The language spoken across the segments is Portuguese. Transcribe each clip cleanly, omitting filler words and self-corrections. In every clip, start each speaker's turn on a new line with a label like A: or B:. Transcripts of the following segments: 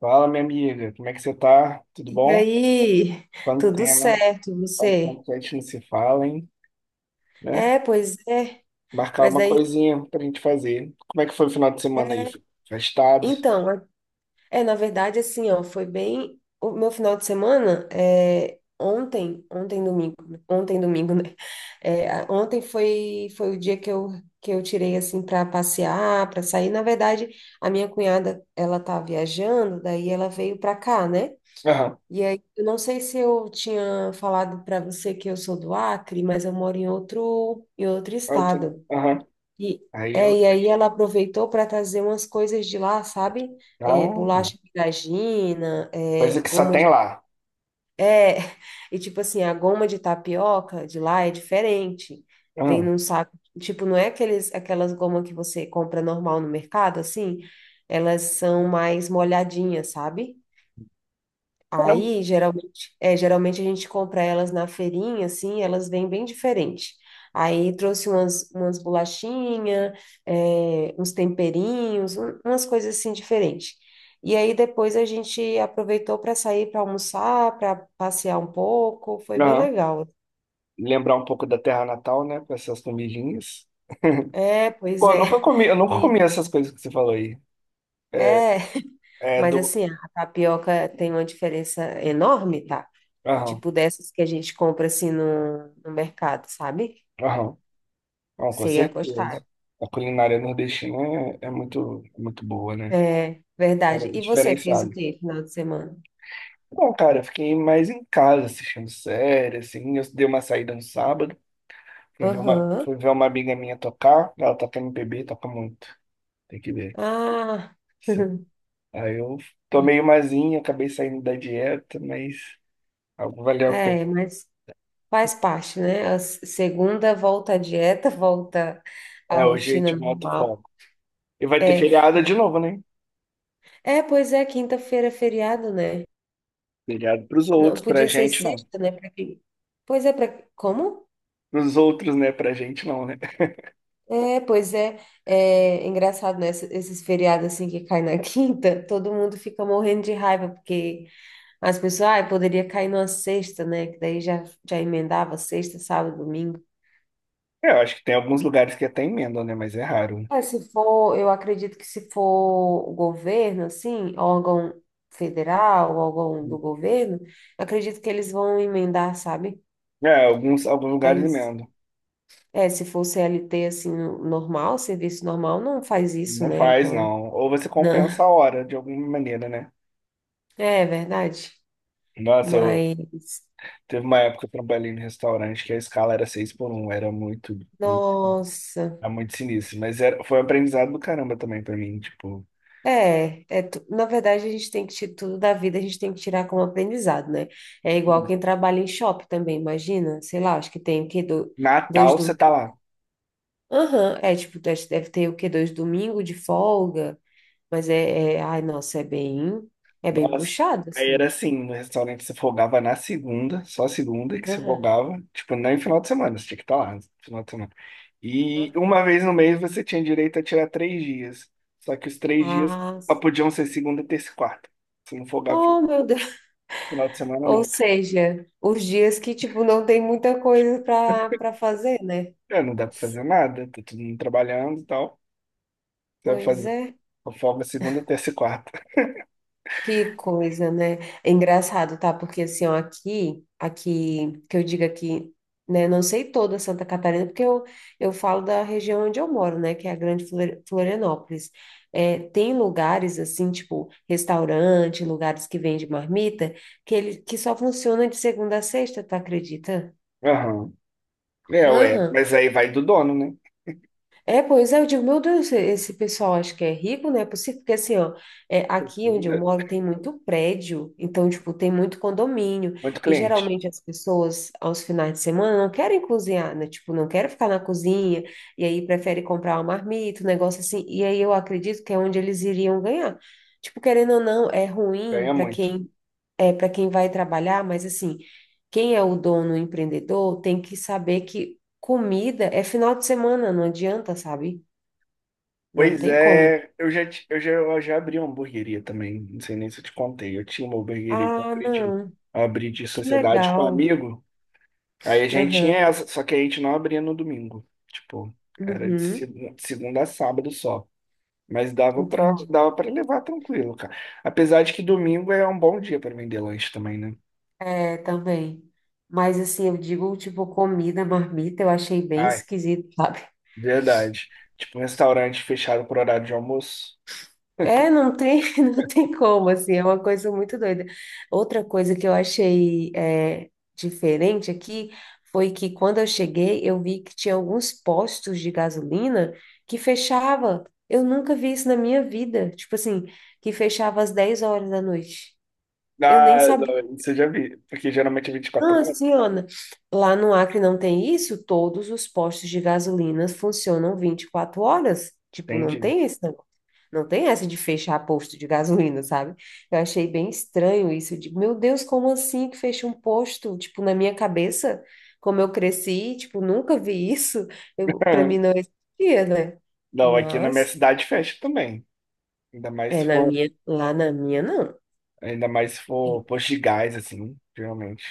A: Fala, minha amiga, como é que você tá? Tudo
B: E
A: bom?
B: aí,
A: Quanto
B: tudo
A: tempo?
B: certo,
A: Quanto tempo
B: você?
A: que a gente não se fala, hein? Né?
B: É, pois é,
A: Marcar
B: mas
A: uma
B: daí tem-
A: coisinha pra gente fazer. Como é que foi o final de semana aí?
B: é,
A: Foi festado?
B: então, é, é, na verdade, assim, ó, foi bem, o meu final de semana, ontem domingo, né? Ontem domingo, né, ontem foi, foi o dia que que eu tirei, assim, para passear, para sair, na verdade, a minha cunhada, ela tá viajando, daí ela veio para cá, né.
A: Aham.
B: E aí, eu não sei se eu tinha falado para você que eu sou do Acre, mas eu moro em outro
A: Eu tô-
B: estado.
A: Aham.
B: E,
A: Aí ela
B: e
A: foi.
B: aí ela aproveitou para trazer umas coisas de lá, sabe? É,
A: Ah,
B: bolacha de vagina,
A: coisa
B: é,
A: que só
B: goma
A: tem
B: de.
A: lá.
B: É, e tipo assim, a goma de tapioca de lá é diferente. Vem
A: Aham.
B: num saco. Tipo, não é aqueles, aquelas gomas que você compra normal no mercado, assim. Elas são mais molhadinhas, sabe?
A: Caramba.
B: Aí, geralmente a gente compra elas na feirinha, assim, elas vêm bem diferente. Aí trouxe umas, umas bolachinhas, uns temperinhos, umas coisas assim diferentes. E aí depois a gente aproveitou para sair para almoçar, para passear um pouco, foi bem
A: Aham.
B: legal.
A: Lembrar um pouco da terra natal, né? Com essas comidinhas.
B: É, pois
A: Pô,
B: é.
A: eu nunca
B: E,
A: comi essas coisas que você falou aí. É
B: é,
A: é
B: mas
A: do.
B: assim, a tapioca tem uma diferença enorme, tá?
A: Aham.
B: Tipo dessas que a gente compra assim no, no mercado, sabe?
A: Aham. Não, com
B: Você ia gostar.
A: certeza. A culinária nordestina é muito boa, né?
B: É, verdade.
A: Era
B: E você fez o
A: diferenciado.
B: quê final de semana?
A: Bom, cara, eu fiquei mais em casa assistindo série, assim. Eu dei uma saída no sábado,
B: Aham.
A: fui ver uma amiga minha tocar. Ela toca MPB, toca muito. Tem que ver.
B: Ah.
A: Isso. Aí eu
B: Ué,
A: tomei umazinha, acabei saindo da dieta, mas algo valeu a pena.
B: é, mas faz parte, né? A segunda volta à dieta, volta à
A: É, hoje a gente
B: rotina
A: bota o
B: normal.
A: foco. E vai ter
B: É,
A: feriado de novo, né?
B: quinta-feira é feriado, né?
A: Feriado pros
B: Não,
A: outros, pra
B: podia ser
A: gente não.
B: sexta, né? Pra quem... Pois é, para como?
A: Pros outros, né? Pra gente não, né?
B: É, pois é, é engraçado, né? Esses feriados assim que caem na quinta, todo mundo fica morrendo de raiva porque as pessoas, ah, poderia cair numa sexta, né? Que já emendava sexta, sábado, domingo.
A: É, eu acho que tem alguns lugares que até emendam, né? Mas é raro.
B: Mas se for, eu acredito que se for o governo, assim, órgão federal, órgão do governo, acredito que eles vão emendar, sabe?
A: É, alguns lugares
B: Mas,
A: emendam.
B: é, se for CLT, assim, normal, serviço normal, não faz isso,
A: Não
B: né?
A: faz,
B: Então,
A: não. Ou você compensa
B: não.
A: a hora de alguma maneira, né?
B: É verdade.
A: Nossa, eu
B: Mas,
A: Teve uma época que eu trabalhei no restaurante que a escala era 6 por um, era muito,
B: nossa.
A: era muito sinistro. Mas foi um aprendizado do caramba também pra mim. Tipo,
B: Na verdade, a gente tem que tirar tudo da vida, a gente tem que tirar como aprendizado, né? É igual quem trabalha em shopping também, imagina, sei lá, acho que tem o quê? Do, dois
A: Natal você
B: do.
A: tá lá.
B: Aham, é tipo, deve ter o quê? Dois domingo de folga, mas ai, nossa, é bem
A: Nossa,
B: puxado,
A: aí era
B: assim.
A: assim, no restaurante você folgava na segunda, só segunda que você
B: Aham,
A: folgava, tipo, não final de semana, você tinha que estar lá no final de semana. E
B: aham.
A: uma vez no mês você tinha direito a tirar três dias, só que os três dias
B: Ah,
A: só
B: sim.
A: podiam ser segunda, terça e quarta. Você não folgava no
B: Oh, meu Deus.
A: final de semana
B: Ou
A: nunca.
B: seja, os dias que, tipo, não tem muita coisa para fazer, né?
A: É, não dá pra fazer nada, tá todo mundo trabalhando e tal. Você vai
B: Pois
A: fazer
B: é.
A: só folga segunda, terça e quarta.
B: Que coisa, né? É engraçado, tá? Porque assim, ó, aqui, que eu digo aqui, né? Não sei toda Santa Catarina, porque eu falo da região onde eu moro, né? Que é a Grande Florianópolis. É, tem lugares assim, tipo restaurante, lugares que vende marmita, que ele que só funciona de segunda a sexta, tu acredita?
A: Aham. É, ué,
B: Aham.
A: mas aí vai do dono, né?
B: Eu digo, meu Deus, esse pessoal acho que é rico, né? É possível, porque assim, ó, é, aqui onde eu
A: Muda.
B: moro tem muito prédio, então, tipo, tem muito condomínio,
A: Muito
B: e
A: cliente,
B: geralmente as pessoas, aos finais de semana, não querem cozinhar, né? Tipo, não querem ficar na cozinha, e aí prefere comprar uma marmita, um negócio assim, e aí eu acredito que é onde eles iriam ganhar. Tipo, querendo ou não, é ruim
A: ganha
B: para
A: muito.
B: quem é para quem vai trabalhar, mas assim, quem é o dono, o empreendedor, tem que saber que comida é final de semana, não adianta, sabe? Não
A: Pois
B: tem como.
A: é, eu já, ti- eu já abri uma hamburgueria também, não sei nem se eu te contei. Eu tinha uma hamburgueria que
B: Ah, não,
A: eu abri de
B: que
A: sociedade com um
B: legal.
A: amigo. Aí a gente tinha
B: Aham,
A: essa, só que a gente não abria no domingo. Tipo, era de
B: uhum,
A: segunda, segunda a sábado só. Mas
B: entendi.
A: dava pra levar tranquilo, cara. Apesar de que domingo é um bom dia pra vender lanche também, né?
B: É, também. Mas assim, eu digo, tipo, comida, marmita, eu achei bem
A: Ai,
B: esquisito, sabe?
A: verdade. Tipo, um restaurante fechado por horário de almoço.
B: É, não tem, não tem como, assim, é uma coisa muito doida. Outra coisa que eu achei é, diferente aqui foi que quando eu cheguei, eu vi que tinha alguns postos de gasolina que fechava. Eu nunca vi isso na minha vida. Tipo assim, que fechava às 10 horas da noite. Eu nem
A: Ah, não, isso eu já vi, porque geralmente é 24
B: não,
A: horas,
B: assim, Ana, lá no Acre não tem isso? Todos os postos de gasolina funcionam 24 horas. Tipo, não
A: entende?
B: tem esse negócio. Não tem essa de fechar posto de gasolina, sabe? Eu achei bem estranho isso. Eu digo, meu Deus, como assim que fecha um posto? Tipo, na minha cabeça, como eu cresci, tipo, nunca vi isso. Eu, pra mim não existia, né?
A: Não, aqui na minha
B: Mas,
A: cidade fecha também. Ainda mais se for,
B: lá na minha, não.
A: ainda mais se for posto de gás, assim, geralmente.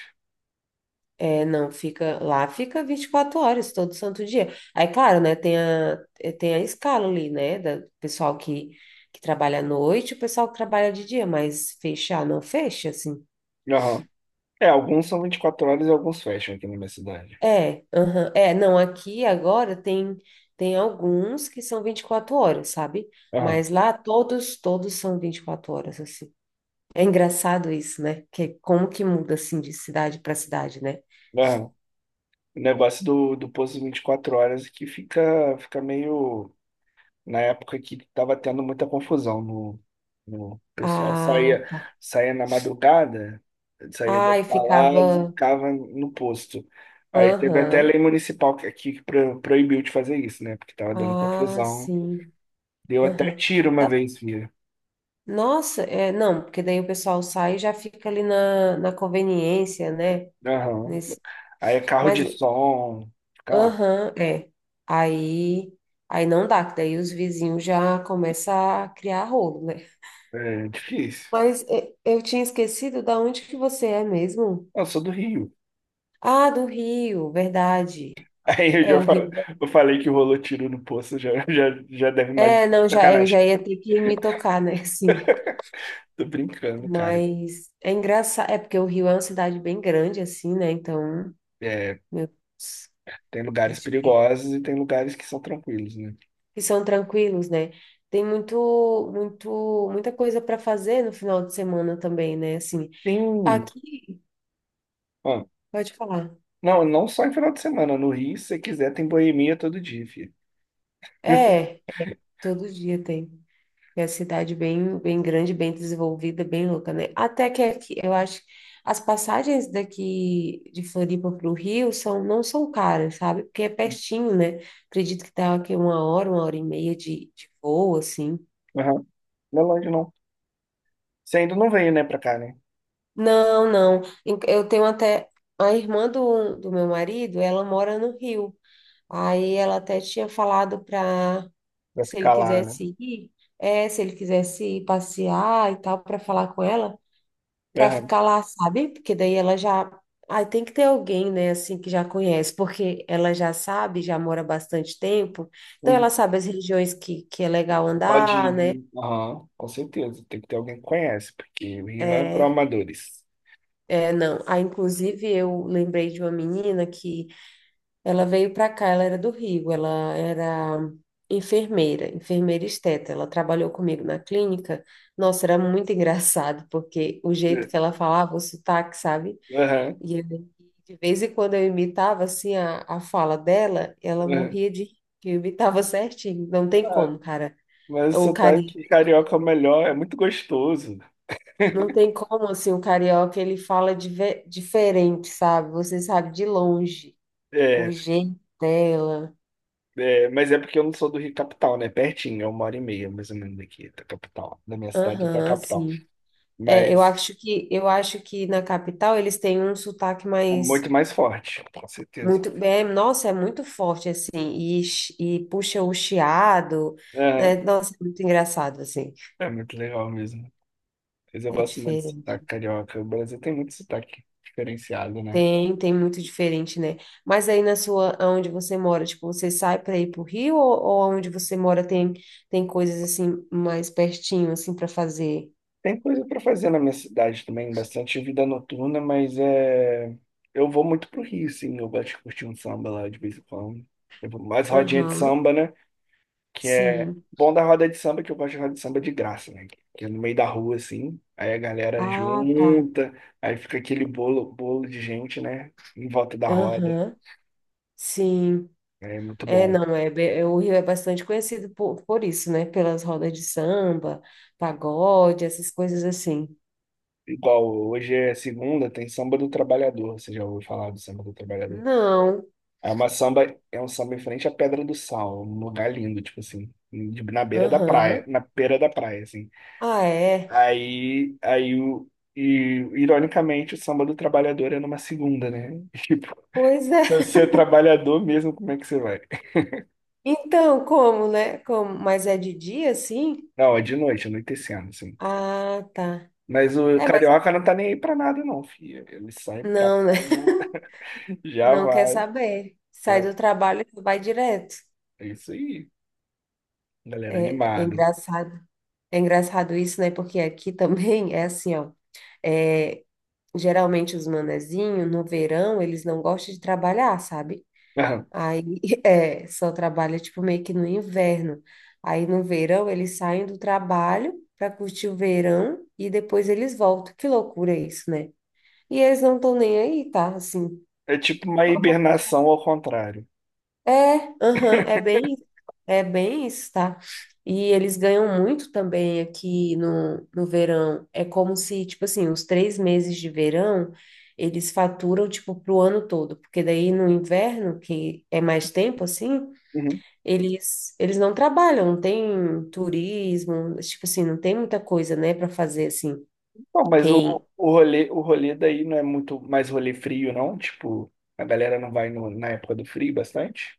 B: É, não, fica lá, fica 24 horas todo santo dia. Aí, claro, né, tem a escala ali, né, da do pessoal que trabalha à noite, o pessoal que trabalha de dia, mas fechar não fecha, assim.
A: Aham. É, alguns são 24 horas e alguns fecham aqui na minha cidade.
B: Não, aqui agora tem alguns que são 24 horas, sabe?
A: Aham,
B: Mas lá todos, todos são 24 horas, assim. É engraçado isso, né? Que é como que muda assim de cidade para cidade, né?
A: aham. O negócio do posto 24 horas que fica meio, na época que estava tendo muita confusão no, no o pessoal
B: Ah, tá.
A: saía na madrugada, saía das
B: Ai,
A: baladas e
B: ficava.
A: ficava no posto. Aí teve até
B: Aham.
A: lei municipal que aqui que proibiu de fazer isso, né? Porque estava dando
B: Ah,
A: confusão.
B: sim.
A: Deu até
B: Aham.
A: tiro uma
B: Ah,
A: vez, via.
B: nossa, é, não, porque daí o pessoal sai e já fica ali na, na conveniência, né?
A: Aham.
B: Nesse,
A: Aí é carro
B: mas,
A: de som, fica lá.
B: aham, é. Aí, aí não dá, que daí os vizinhos já começam a criar rolo, né?
A: É difícil.
B: Mas é, eu tinha esquecido da onde que você é mesmo?
A: Eu sou do Rio.
B: Ah, do Rio, verdade.
A: Aí
B: É o Rio.
A: eu falei que rolou tiro no poço, já deve imaginar.
B: É, não, já, eu
A: Sacanagem.
B: já ia ter que me tocar, né? Assim.
A: Tô brincando, cara.
B: Mas é engraçado, é porque o Rio é uma cidade bem grande, assim, né? Então,
A: É,
B: meu Deus,
A: tem lugares
B: acho
A: perigosos e tem lugares que são tranquilos, né?
B: que são tranquilos, né? Tem muito, muito, muita coisa para fazer no final de semana também, né? Assim,
A: Tem.
B: aqui,
A: Ah,
B: pode falar.
A: não, não só em final de semana. No Rio, se você quiser, tem boemia todo dia, filho.
B: É, todo dia tem. É a cidade bem, bem grande, bem desenvolvida, bem louca, né? Até que aqui, eu acho, as passagens daqui de Floripa para o Rio são, não são caras, sabe? Porque é pertinho, né? Acredito que tá aqui uma hora, 1 hora e meia de voo, assim.
A: Aham. Não é longe, não. Você ainda não veio, né, pra cá, né?
B: Não, não. Eu tenho até. A irmã do, do meu marido, ela mora no Rio. Aí ela até tinha falado
A: Vai
B: se ele
A: ficar lá, né?
B: quisesse ir, é, se ele quisesse ir passear e tal, para falar com ela. Para
A: Aham.
B: ficar lá, sabe? Porque daí ela já. Ai tem que ter alguém, né, assim, que já conhece, porque ela já sabe, já mora bastante tempo, então ela
A: Uhum.
B: sabe as regiões que é legal
A: Pode
B: andar, né?
A: ir. Aham, com certeza. Tem que ter alguém que conhece, porque o Rio não é para
B: É,
A: amadores.
B: não. Ah, inclusive, eu lembrei de uma menina que ela veio para cá, ela era do Rio, ela era enfermeira, enfermeira esteta, ela trabalhou comigo na clínica. Nossa, era muito engraçado, porque o jeito que
A: É.
B: ela falava, o sotaque, sabe?
A: Aham,
B: E de vez em quando eu imitava assim a fala dela, ela
A: aham.
B: morria de rir, que eu imitava certinho. Não tem
A: Ah,
B: como, cara.
A: mas o
B: O cari...
A: sotaque carioca é o melhor, é muito gostoso.
B: Não tem como assim, o carioca ele fala diferente, sabe? Você sabe de longe o
A: É,
B: jeito dela.
A: é, mas é porque eu não sou do Rio Capital, né? Pertinho, é 1 hora e meia, mais ou menos, daqui, da capital. Da minha cidade até a
B: Aham,
A: capital.
B: sim.
A: Mas
B: Eu acho que na capital eles têm um sotaque
A: é muito
B: mais
A: mais forte, com certeza.
B: muito, é, nossa, é muito forte assim e, e puxa o chiado, né?
A: Aham,
B: Nossa, é muito engraçado assim.
A: é, muito legal mesmo. Mas eu
B: É
A: gosto muito de
B: diferente.
A: sotaque carioca. O Brasil tem muito sotaque diferenciado, né?
B: Tem, tem muito diferente, né? Mas aí na sua, onde você mora, tipo, você sai para ir pro Rio ou onde você mora tem coisas assim mais pertinho assim para fazer?
A: Tem coisa para fazer na minha cidade também, bastante vida noturna, mas é... eu vou muito pro Rio, sim. Eu gosto de curtir um samba lá de vez em quando. Eu vou mais rodinha de
B: Aham.
A: samba, né? Que é
B: Sim.
A: bom da roda de samba, que eu gosto de roda de samba de graça, né? Que é no meio da rua, assim, aí a galera
B: Ah, tá.
A: junta, aí fica aquele bolo, bolo de gente, né? Em volta da roda.
B: Aham. Sim.
A: É muito
B: É,
A: bom.
B: não, é, be- é, o Rio é bastante conhecido por isso, né? Pelas rodas de samba, pagode, essas coisas assim.
A: Igual hoje é segunda, tem samba do trabalhador. Você já ouviu falar do samba do trabalhador?
B: Não.
A: É uma samba, é um samba em frente à Pedra do Sal, um lugar lindo, tipo assim, na beira da praia,
B: Aham.
A: na beira da praia, assim.
B: Ah, é.
A: Aí, aí o, e ironicamente o samba do trabalhador é numa segunda, né?
B: Pois é.
A: Se você é trabalhador mesmo, como é que você vai?
B: Então, como, né? Como, mas é de dia, assim?
A: Não, é de noite, anoitecendo, assim.
B: Ah, tá.
A: Mas o
B: É, mas
A: carioca não tá nem aí pra nada, não, filho. Ele sai do
B: não, né?
A: trabalho, já
B: Não quer
A: vai.
B: saber. Sai
A: Já...
B: do trabalho e vai direto.
A: É isso aí, galera
B: É, é
A: animada.
B: engraçado. É engraçado isso, né? Porque aqui também é assim, ó. É, geralmente os manezinhos, no verão, eles não gostam de trabalhar, sabe? Aí, é, só trabalha, tipo, meio que no inverno. Aí, no verão, eles saem do trabalho para curtir o verão e depois eles voltam. Que loucura isso, né? E eles não estão nem aí, tá? Assim.
A: É tipo uma hibernação ao contrário.
B: É, aham, é bem, é bem isso, tá? E eles ganham muito também aqui no, no verão. É como se, tipo assim, os 3 meses de verão, eles faturam, tipo, pro ano todo. Porque daí no inverno, que é mais tempo, assim,
A: Uhum.
B: eles não trabalham, não tem turismo, tipo assim, não tem muita coisa, né, para fazer, assim.
A: Pô, mas o,
B: Quem...
A: o rolê daí não é muito mais rolê frio, não? Tipo, a galera não vai na época do frio bastante?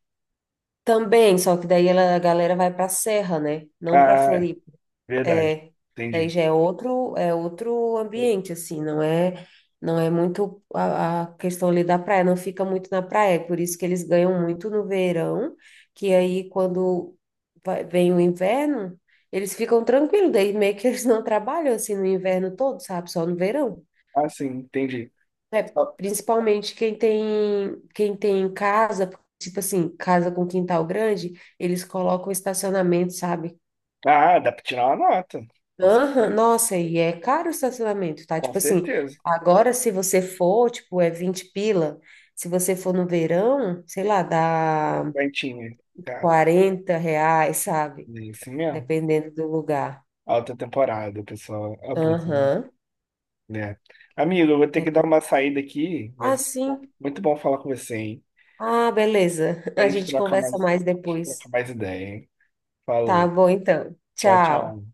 B: Também, só que a galera vai pra serra, né? Não pra
A: Ah, é,
B: Floripa.
A: verdade.
B: É, daí
A: Entendi.
B: já é outro ambiente, assim, não é, não é muito a questão ali da praia, não fica muito na praia, é por isso que eles ganham muito no verão, que aí quando vem o inverno, eles ficam tranquilos, daí meio que eles não trabalham assim no inverno todo, sabe? Só no verão.
A: Ah, sim, entendi.
B: É,
A: Só-
B: principalmente quem tem casa, tipo assim, casa com quintal grande, eles colocam estacionamento, sabe?
A: Ah, dá pra tirar uma nota. Nossa.
B: Aham, nossa, e é caro o estacionamento, tá?
A: Com
B: Tipo assim,
A: certeza.
B: agora se você for, tipo, é 20 pila. Se você for no verão, sei lá, dá
A: Quentinha, cara.
B: R$ 40,
A: É
B: sabe?
A: isso mesmo.
B: Dependendo do lugar.
A: Alta temporada, o pessoal abusa,
B: Aham,
A: né? Amigo, eu vou ter
B: é
A: que dar
B: bem.
A: uma saída aqui,
B: Ah,
A: mas bom,
B: sim.
A: muito bom falar com você, hein?
B: Ah, beleza.
A: Pra
B: A
A: gente
B: gente conversa mais
A: trocar
B: depois.
A: mais ideia, hein?
B: Tá
A: Falou.
B: bom, então.
A: Tchau,
B: Tchau.
A: tchau.